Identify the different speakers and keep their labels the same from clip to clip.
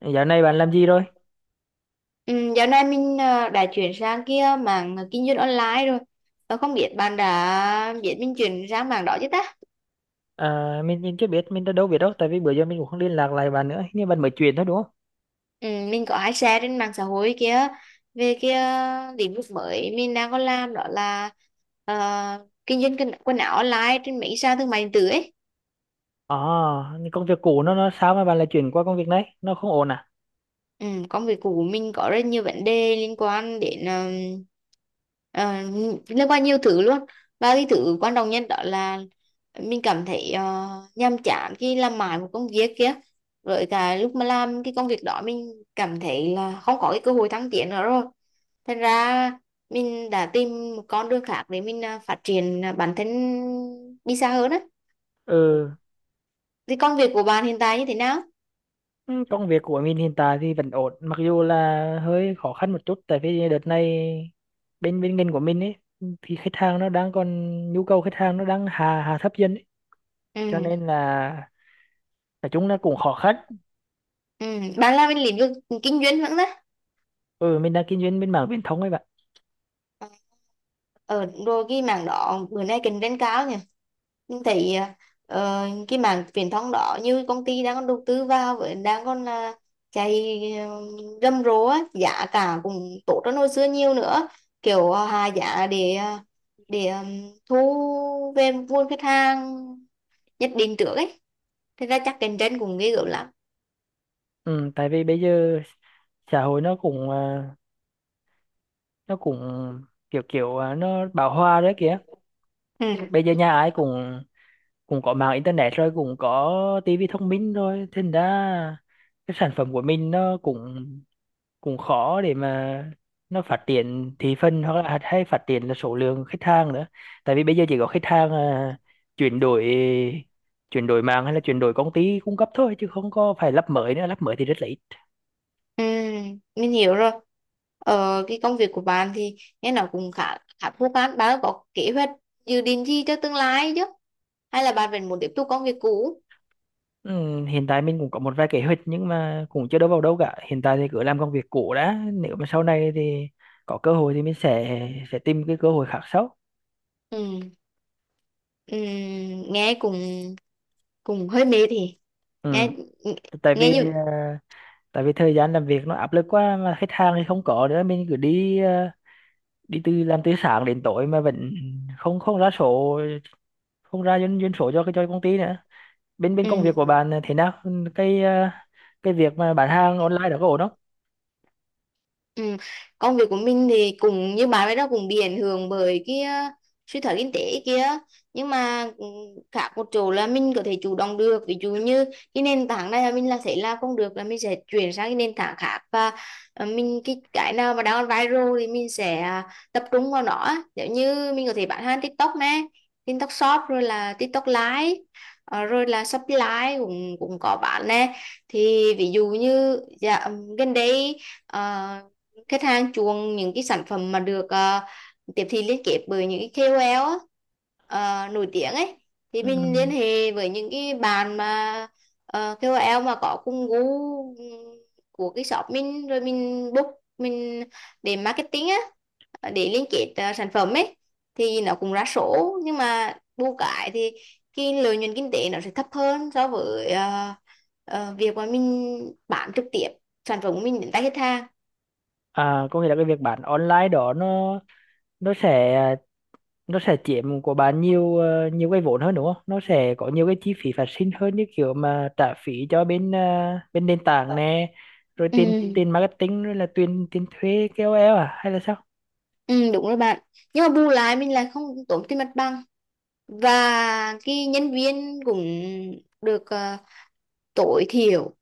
Speaker 1: Dạo này bạn làm gì rồi?
Speaker 2: Ừ, Dạo này mình đã chuyển sang kia mảng kinh doanh online rồi. Và không biết bạn đã biết mình chuyển sang mảng đó chứ ta?
Speaker 1: À, mình chưa biết, mình đã đâu biết đâu, tại vì bữa giờ mình cũng không liên lạc lại bạn nữa, hình như bạn mới chuyển thôi đúng không?
Speaker 2: Ừ, mình có hay share trên mạng xã hội kia về cái lĩnh vực mới mình đang có làm đó là ờ, kinh doanh quần quần áo online trên mấy sàn thương mại điện tử ấy.
Speaker 1: À, nhưng công việc cũ nó sao mà bạn lại chuyển qua công việc này? Nó không ổn à?
Speaker 2: Ừ, công việc của mình có rất nhiều vấn đề liên quan đến ờ, liên quan nhiều thứ luôn, và cái thứ quan trọng nhất đó là mình cảm thấy nhàm chán khi làm mãi một công việc kia, rồi cả lúc mà làm cái công việc đó mình cảm thấy là không có cái cơ hội thăng tiến nữa rồi, thành ra mình đã tìm một con đường khác để mình phát triển bản thân đi xa hơn á.
Speaker 1: Ừ,
Speaker 2: Thì công việc của bạn hiện tại như thế nào?
Speaker 1: ừ, công việc của mình hiện tại thì vẫn ổn, mặc dù là hơi khó khăn một chút, tại vì đợt này bên bên ngành của mình ấy thì khách hàng nó đang còn nhu cầu khách hàng nó đang hà hà thấp dần ấy. Cho
Speaker 2: Ừ,
Speaker 1: nên là nói chung là cũng khó khăn.
Speaker 2: ừ. Bạn làm bên lĩnh vực kinh doanh vẫn đó.
Speaker 1: Ừ, mình đang kinh doanh bên mảng viễn thông ấy bạn.
Speaker 2: Ờ, rồi cái mảng đó bữa nay cạnh tranh cao nhỉ, nhưng thấy ờ, cái mảng truyền thông đó như công ty đang còn đầu tư vào với đang còn là chạy rầm rộ á, giá cả cũng tốt hơn hồi xưa nhiều nữa, kiểu hạ giá để để thu về nguồn khách hàng nhất định trước ấy, thế ra chắc cạnh tranh cũng ghê gớm lắm.
Speaker 1: Ừ, tại vì bây giờ xã hội nó cũng nó cũng kiểu kiểu nó bão hòa đấy kìa.
Speaker 2: Ừ.
Speaker 1: Bây giờ nhà ai cũng cũng có mạng internet rồi cũng có tivi thông minh, rồi thành ra cái sản phẩm của mình nó cũng cũng khó để mà nó phát triển thị phần hoặc là hay phát triển là số lượng khách hàng nữa, tại vì bây giờ chỉ có khách hàng chuyển đổi chuyển đổi mạng hay là chuyển đổi công ty cung cấp thôi, chứ không có phải lắp mới nữa, lắp mới thì rất là ít.
Speaker 2: Ừ, mình hiểu rồi. Ờ, cái công việc của bạn thì nghe nó cũng khá khá thú phản. Bạn có kế hoạch dự định gì cho tương lai chứ? Hay là bạn vẫn muốn tiếp tục công việc cũ?
Speaker 1: Ừ, hiện tại mình cũng có một vài kế hoạch nhưng mà cũng chưa đâu vào đâu cả. Hiện tại thì cứ làm công việc cũ đã. Nếu mà sau này thì có cơ hội thì mình sẽ tìm cái cơ hội khác sau.
Speaker 2: Ừ. Ừ, nghe cũng cũng hơi mệt thì
Speaker 1: Ừ.
Speaker 2: nghe
Speaker 1: Tại
Speaker 2: nghe
Speaker 1: vì
Speaker 2: như
Speaker 1: à, tại vì thời gian làm việc nó áp lực quá mà khách hàng thì không có nữa, mình cứ đi từ sáng đến tối mà vẫn không không ra số, không ra doanh doanh số cho cái cho công ty nữa. Bên bên công việc của
Speaker 2: ừ.
Speaker 1: bạn thế nào? Ừ. Cái việc mà bán hàng online đó có ổn không?
Speaker 2: Ừ. Công việc của mình thì cũng như bạn ấy đó, cũng bị ảnh hưởng bởi cái suy thoái kinh tế kia, nhưng mà ừ, khác một chỗ là mình có thể chủ động được. Ví dụ như cái nền tảng này là mình là thấy làm không được là mình sẽ chuyển sang cái nền tảng khác, và mình cái nào mà đang viral thì mình sẽ tập trung vào nó á. Giống như mình có thể bán hàng TikTok nè, TikTok Shop, rồi là TikTok Live, rồi là Shopee Live cũng cũng có bán nè. Thì ví dụ như dạ, gần đây ờ, khách hàng chuộng những cái sản phẩm mà được tiếp thị liên kết bởi những cái KOL á, nổi tiếng ấy, thì
Speaker 1: Ừ.
Speaker 2: mình liên hệ với những cái bạn mà KOL mà có cùng gu của cái shop mình, rồi mình book mình để marketing á, để liên kết sản phẩm ấy, thì nó cũng ra số. Nhưng mà bù cái thì cái lợi nhuận kinh tế nó sẽ thấp hơn so với việc mà mình bán trực tiếp sản phẩm của mình đến tay khách hàng.
Speaker 1: À, có nghĩa là cái việc bán online đó nó sẽ à, nó sẽ chiếm của bạn nhiều nhiều cái vốn hơn đúng không? Nó sẽ có nhiều cái chi phí phát sinh hơn, như kiểu mà trả phí cho bên nền tảng nè, rồi
Speaker 2: Ừ.
Speaker 1: tiền tiền marketing, rồi là tiền tiền thuê KOL à, hay là sao?
Speaker 2: Ừ, đúng rồi bạn. Nhưng mà bù lại mình lại không tốn tiền mặt bằng. Và cái nhân viên cũng được tối thiểu,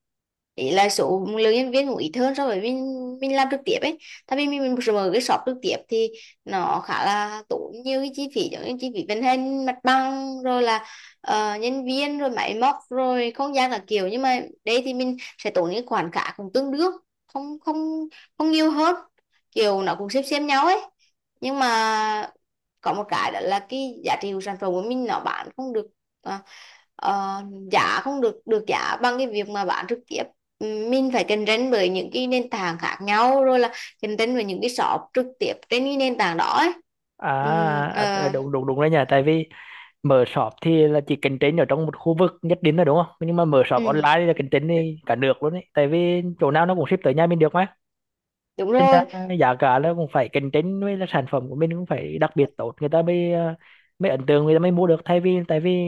Speaker 2: ý là số lượng nhân viên cũng ít hơn so với mình làm trực tiếp ấy, tại vì mình mở cái shop trực tiếp thì nó khá là tốn nhiều cái chi phí, giống như chi phí vận hành mặt bằng, rồi là nhân viên, rồi máy móc, rồi không gian là kiểu, nhưng mà đây thì mình sẽ tốn những khoản cả cũng tương đương, không không không nhiều hơn, kiểu nó cũng xem nhau ấy. Nhưng mà có một cái đó là cái giá trị của sản phẩm của mình nó bán không được à, ờ, giá, không được được giá bằng cái việc mà bán trực tiếp. Mình phải cạnh tranh với những cái nền tảng khác nhau, rồi là cạnh tranh với những cái shop trực tiếp trên cái nền tảng đó ấy.
Speaker 1: à,
Speaker 2: Ừm, ờ,
Speaker 1: đúng đúng đúng đấy nhỉ, tại vì mở shop thì là chỉ cạnh tranh ở trong một khu vực nhất định là đúng không, nhưng mà mở shop
Speaker 2: ừm,
Speaker 1: online thì là cạnh tranh đi cả nước luôn đấy, tại vì chỗ nào nó cũng ship tới nhà mình được mà,
Speaker 2: đúng
Speaker 1: nên ra
Speaker 2: rồi.
Speaker 1: giá cả nó cũng phải cạnh tranh, với là sản phẩm của mình cũng phải đặc biệt tốt người ta mới ấn tượng, người ta mới mua được, thay vì tại vì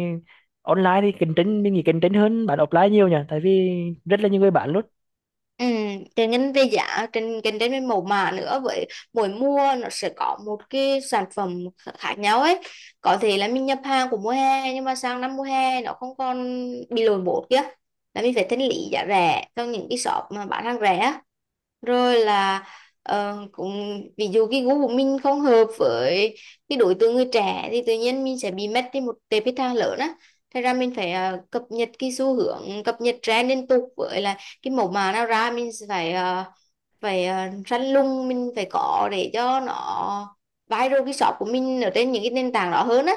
Speaker 1: online thì cạnh tranh, mình nghĩ cạnh tranh hơn bán offline nhiều nhỉ, tại vì rất là nhiều người bán luôn.
Speaker 2: Ừ, trên ngành về giá, trên cạnh đến với mẫu mã nữa, với mỗi mua nó sẽ có một cái sản phẩm khác nhau ấy. Có thể là mình nhập hàng của mùa hè, nhưng mà sang năm mùa hè nó không còn bị lỗi bột kia là mình phải thanh lý giá rẻ cho những cái shop mà bán hàng rẻ á. Rồi là cũng ví dụ cái gu của mình không hợp với cái đối tượng người trẻ thì tự nhiên mình sẽ bị mất đi một tệp khách hàng lớn á. Thế ra mình phải cập nhật cái xu hướng, cập nhật trend liên tục, với lại cái mẫu mã nào ra mình sẽ phải phải răn lung mình phải có để cho nó viral cái shop của mình ở trên những cái nền tảng đó hơn á.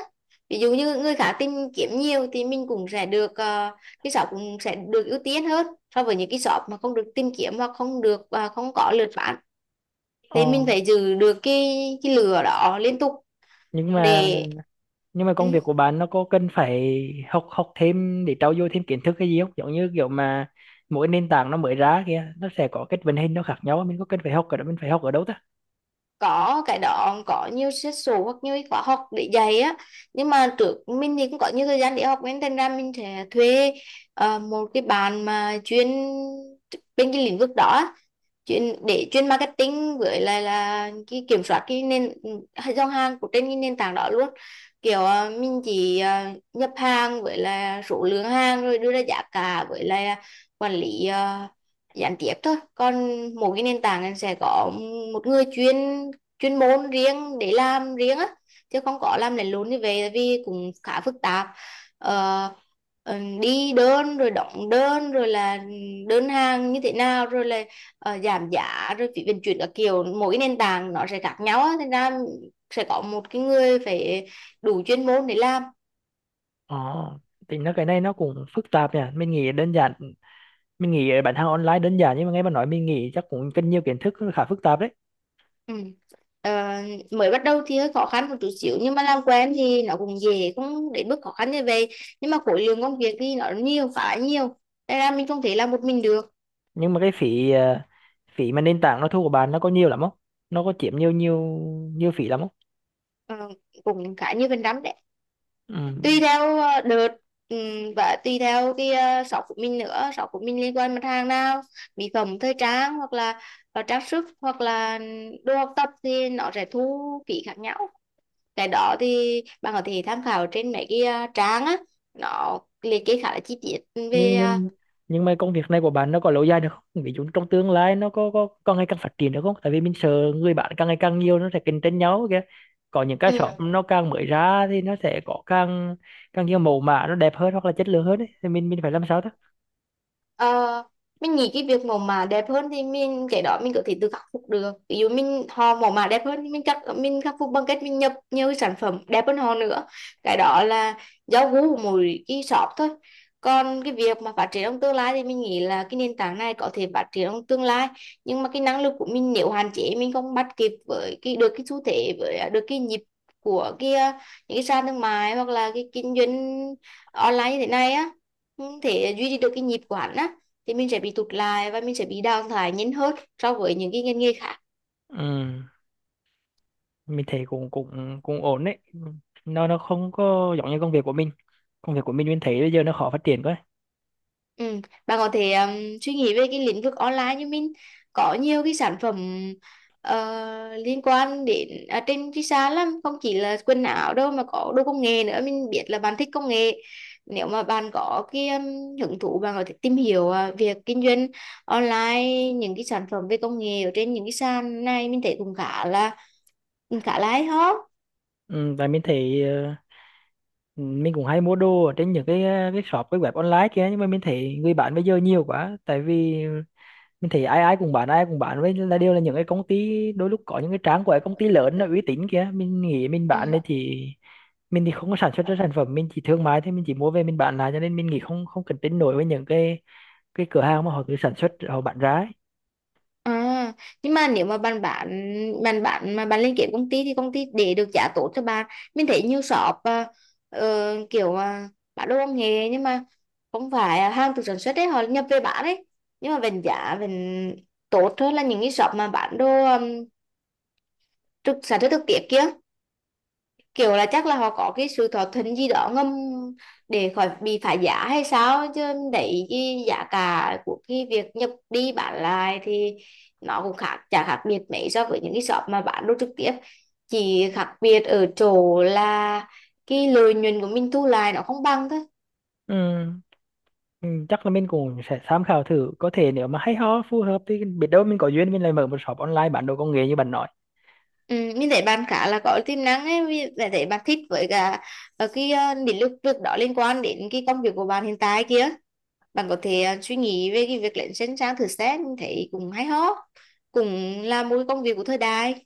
Speaker 2: Ví dụ như người khác tìm kiếm nhiều thì mình cũng sẽ được cái shop cũng sẽ được ưu tiên hơn so với những cái shop mà không được tìm kiếm hoặc không được không có lượt bán,
Speaker 1: Ờ.
Speaker 2: thì mình phải giữ được cái lửa đó liên tục
Speaker 1: nhưng mà
Speaker 2: để
Speaker 1: nhưng mà
Speaker 2: ừ,
Speaker 1: công việc của bạn nó có cần phải học học thêm để trau dồi thêm kiến thức hay gì không, giống như kiểu mà mỗi nền tảng nó mới ra kia nó sẽ có cái vận hành nó khác nhau, mình có cần phải học ở đó, mình phải học ở đâu ta?
Speaker 2: có cái đó, có nhiều xét số hoặc nhiều khóa học để dạy á. Nhưng mà trước mình thì cũng có nhiều thời gian để học, nên thành ra mình sẽ thuê một cái bạn mà chuyên bên cái lĩnh vực đó, chuyên marketing, với lại là cái kiểm soát cái nền dòng hàng của trên cái nền tảng đó luôn. Kiểu mình chỉ nhập hàng với là số lượng hàng, rồi đưa ra giá cả, với là quản lý gián tiếp thôi, còn mỗi cái nền tảng này sẽ có một người chuyên chuyên môn riêng để làm riêng á, chứ không có làm lẫn lộn như vậy, tại vì cũng khá phức tạp. Ờ, đi đơn rồi đóng đơn, rồi là đơn hàng như thế nào, rồi là giảm giá rồi phí vận chuyển các kiểu, mỗi nền tảng nó sẽ khác nhau á, thành ra sẽ có một cái người phải đủ chuyên môn để làm.
Speaker 1: ờ thì cái này nó cũng phức tạp nhỉ, mình nghĩ đơn giản, mình nghĩ bán hàng online đơn giản, nhưng mà nghe bạn nói mình nghĩ chắc cũng cần nhiều kiến thức, khá phức tạp đấy.
Speaker 2: Ừ. Ờ, mới bắt đầu thì hơi khó khăn một chút xíu, nhưng mà làm quen thì nó cũng dễ, cũng đến mức khó khăn như vậy, nhưng mà khối lượng công việc thì nó nhiều, khá nhiều, nên là mình không thể làm một mình được.
Speaker 1: Nhưng mà phí mà nền tảng nó thu của bạn nó có nhiều lắm không, nó có chiếm nhiều nhiều nhiều phí lắm không?
Speaker 2: Ờ, cũng khá nhiều phần trăm,
Speaker 1: Ừ.
Speaker 2: tùy theo đợt, và tùy theo cái shop của mình nữa, shop của mình liên quan mặt hàng nào, mỹ phẩm, thời trang, hoặc là trang sức, hoặc là đồ học tập thì nó sẽ thu phí khác nhau. Cái đó thì bạn có thể tham khảo trên mấy cái trang á, nó liệt kê khá là chi tiết về
Speaker 1: nhưng
Speaker 2: ờ,
Speaker 1: nhưng nhưng mà công việc này của bạn nó có lâu dài được không, ví dụ trong tương lai nó có ngày càng phát triển được không, tại vì mình sợ người bạn càng ngày càng nhiều nó sẽ cạnh tranh nhau kìa, có những cái shop
Speaker 2: ừ.
Speaker 1: nó càng mới ra thì nó sẽ có càng càng nhiều mẫu mã nó đẹp hơn hoặc là chất lượng hơn ấy. Thì mình phải làm sao đó?
Speaker 2: Ờ, mình nghĩ cái việc mẫu mã đẹp hơn thì mình cái đó mình có thể tự khắc phục được. Ví dụ mình họ mẫu mã đẹp hơn thì mình khắc phục bằng cách mình nhập nhiều cái sản phẩm đẹp hơn họ nữa, cái đó là do gu của mỗi cái shop thôi. Còn cái việc mà phát triển trong tương lai thì mình nghĩ là cái nền tảng này có thể phát triển trong tương lai, nhưng mà cái năng lực của mình nếu hạn chế, mình không bắt kịp với cái được cái xu thế, với được cái nhịp của cái những cái sàn thương mại, hoặc là cái kinh doanh online như thế này á, không thể duy trì được cái nhịp của hắn á, thì mình sẽ bị tụt lại và mình sẽ bị đào thải nhanh hơn so với những cái ngành nghề khác.
Speaker 1: Ừ, mình thấy cũng cũng cũng ổn đấy, nó không có giống như Công việc của mình mình thấy bây giờ nó khó phát triển quá.
Speaker 2: Ừ. Bạn có thể suy nghĩ về cái lĩnh vực online như mình, có nhiều cái sản phẩm liên quan đến trên cái sàn lắm, không chỉ là quần áo đâu mà có đồ công nghệ nữa, mình biết là bạn thích công nghệ. Nếu mà bạn có cái hứng thú, bạn có thể tìm hiểu việc kinh doanh online những cái sản phẩm về công nghệ ở trên những cái sàn này, mình thấy cũng khá là hay ho.
Speaker 1: Ừ, và mình thấy mình cũng hay mua đồ ở trên những cái shop, cái web online kia, nhưng mà mình thấy người bán bây giờ nhiều quá, tại vì mình thấy ai ai cũng bán, với là đều là những cái công ty, đôi lúc có những cái trang của cái công ty lớn nó uy tín kia, mình nghĩ mình
Speaker 2: Ừ.
Speaker 1: bán này thì mình thì không có sản xuất ra sản phẩm, mình chỉ thương mại thôi, mình chỉ mua về mình bán lại, cho nên mình nghĩ không không cạnh tranh nổi với những cái cửa hàng mà họ cứ sản xuất họ bán ra ấy.
Speaker 2: À, nhưng mà nếu mà bạn bán mà bạn lên kế công ty thì công ty để được giá tốt cho bạn. Mình thấy nhiều shop kiểu bán đồ công nghệ, nhưng mà không phải hàng từ sản xuất đấy, họ nhập về bán đấy, nhưng mà vẫn giá vẫn tốt hơn là những cái shop mà bán đồ um, trực sản xuất thực tiễn kia, kiểu là chắc là họ có cái sự thỏa thuận gì đó ngầm để khỏi bị phá giá hay sao chứ. Đấy, cái giá cả của cái việc nhập đi bán lại thì nó cũng chả khác biệt mấy so với những cái shop mà bán đồ trực tiếp, chỉ khác biệt ở chỗ là cái lợi nhuận của mình thu lại nó không bằng thôi.
Speaker 1: Ừ, ừ, chắc là mình cũng sẽ tham khảo thử, có thể nếu mà hay ho phù hợp thì biết đâu mình có duyên mình lại mở một shop online bán đồ công nghệ như bạn nói.
Speaker 2: Ừ, mình thấy bạn khá là có tiềm năng ấy, mình thấy thấy bạn thích, với cả cái lĩnh vực đó liên quan đến cái công việc của bạn hiện tại kia. Bạn có thể suy nghĩ về cái việc lên trên trang thử, xét thấy cũng hay ho, cũng là một cái công việc của thời đại.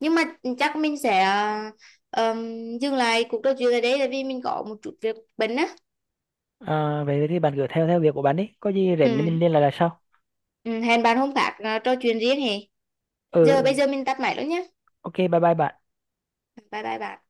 Speaker 2: Nhưng mà chắc mình sẽ dừng lại cuộc trò chuyện ở đây tại vì mình có một chút việc bận á.
Speaker 1: À, vậy thì bạn cứ theo theo việc của bạn đi, có gì rảnh thì mình
Speaker 2: Ừ.
Speaker 1: liên lạc là sau.
Speaker 2: Ừ, hẹn bạn hôm khác trò chuyện riêng hè.
Speaker 1: Ừ
Speaker 2: giờ
Speaker 1: ừ,
Speaker 2: bây giờ mình tắt máy luôn nhé.
Speaker 1: ok bye bye bạn.
Speaker 2: Bye bye bạn.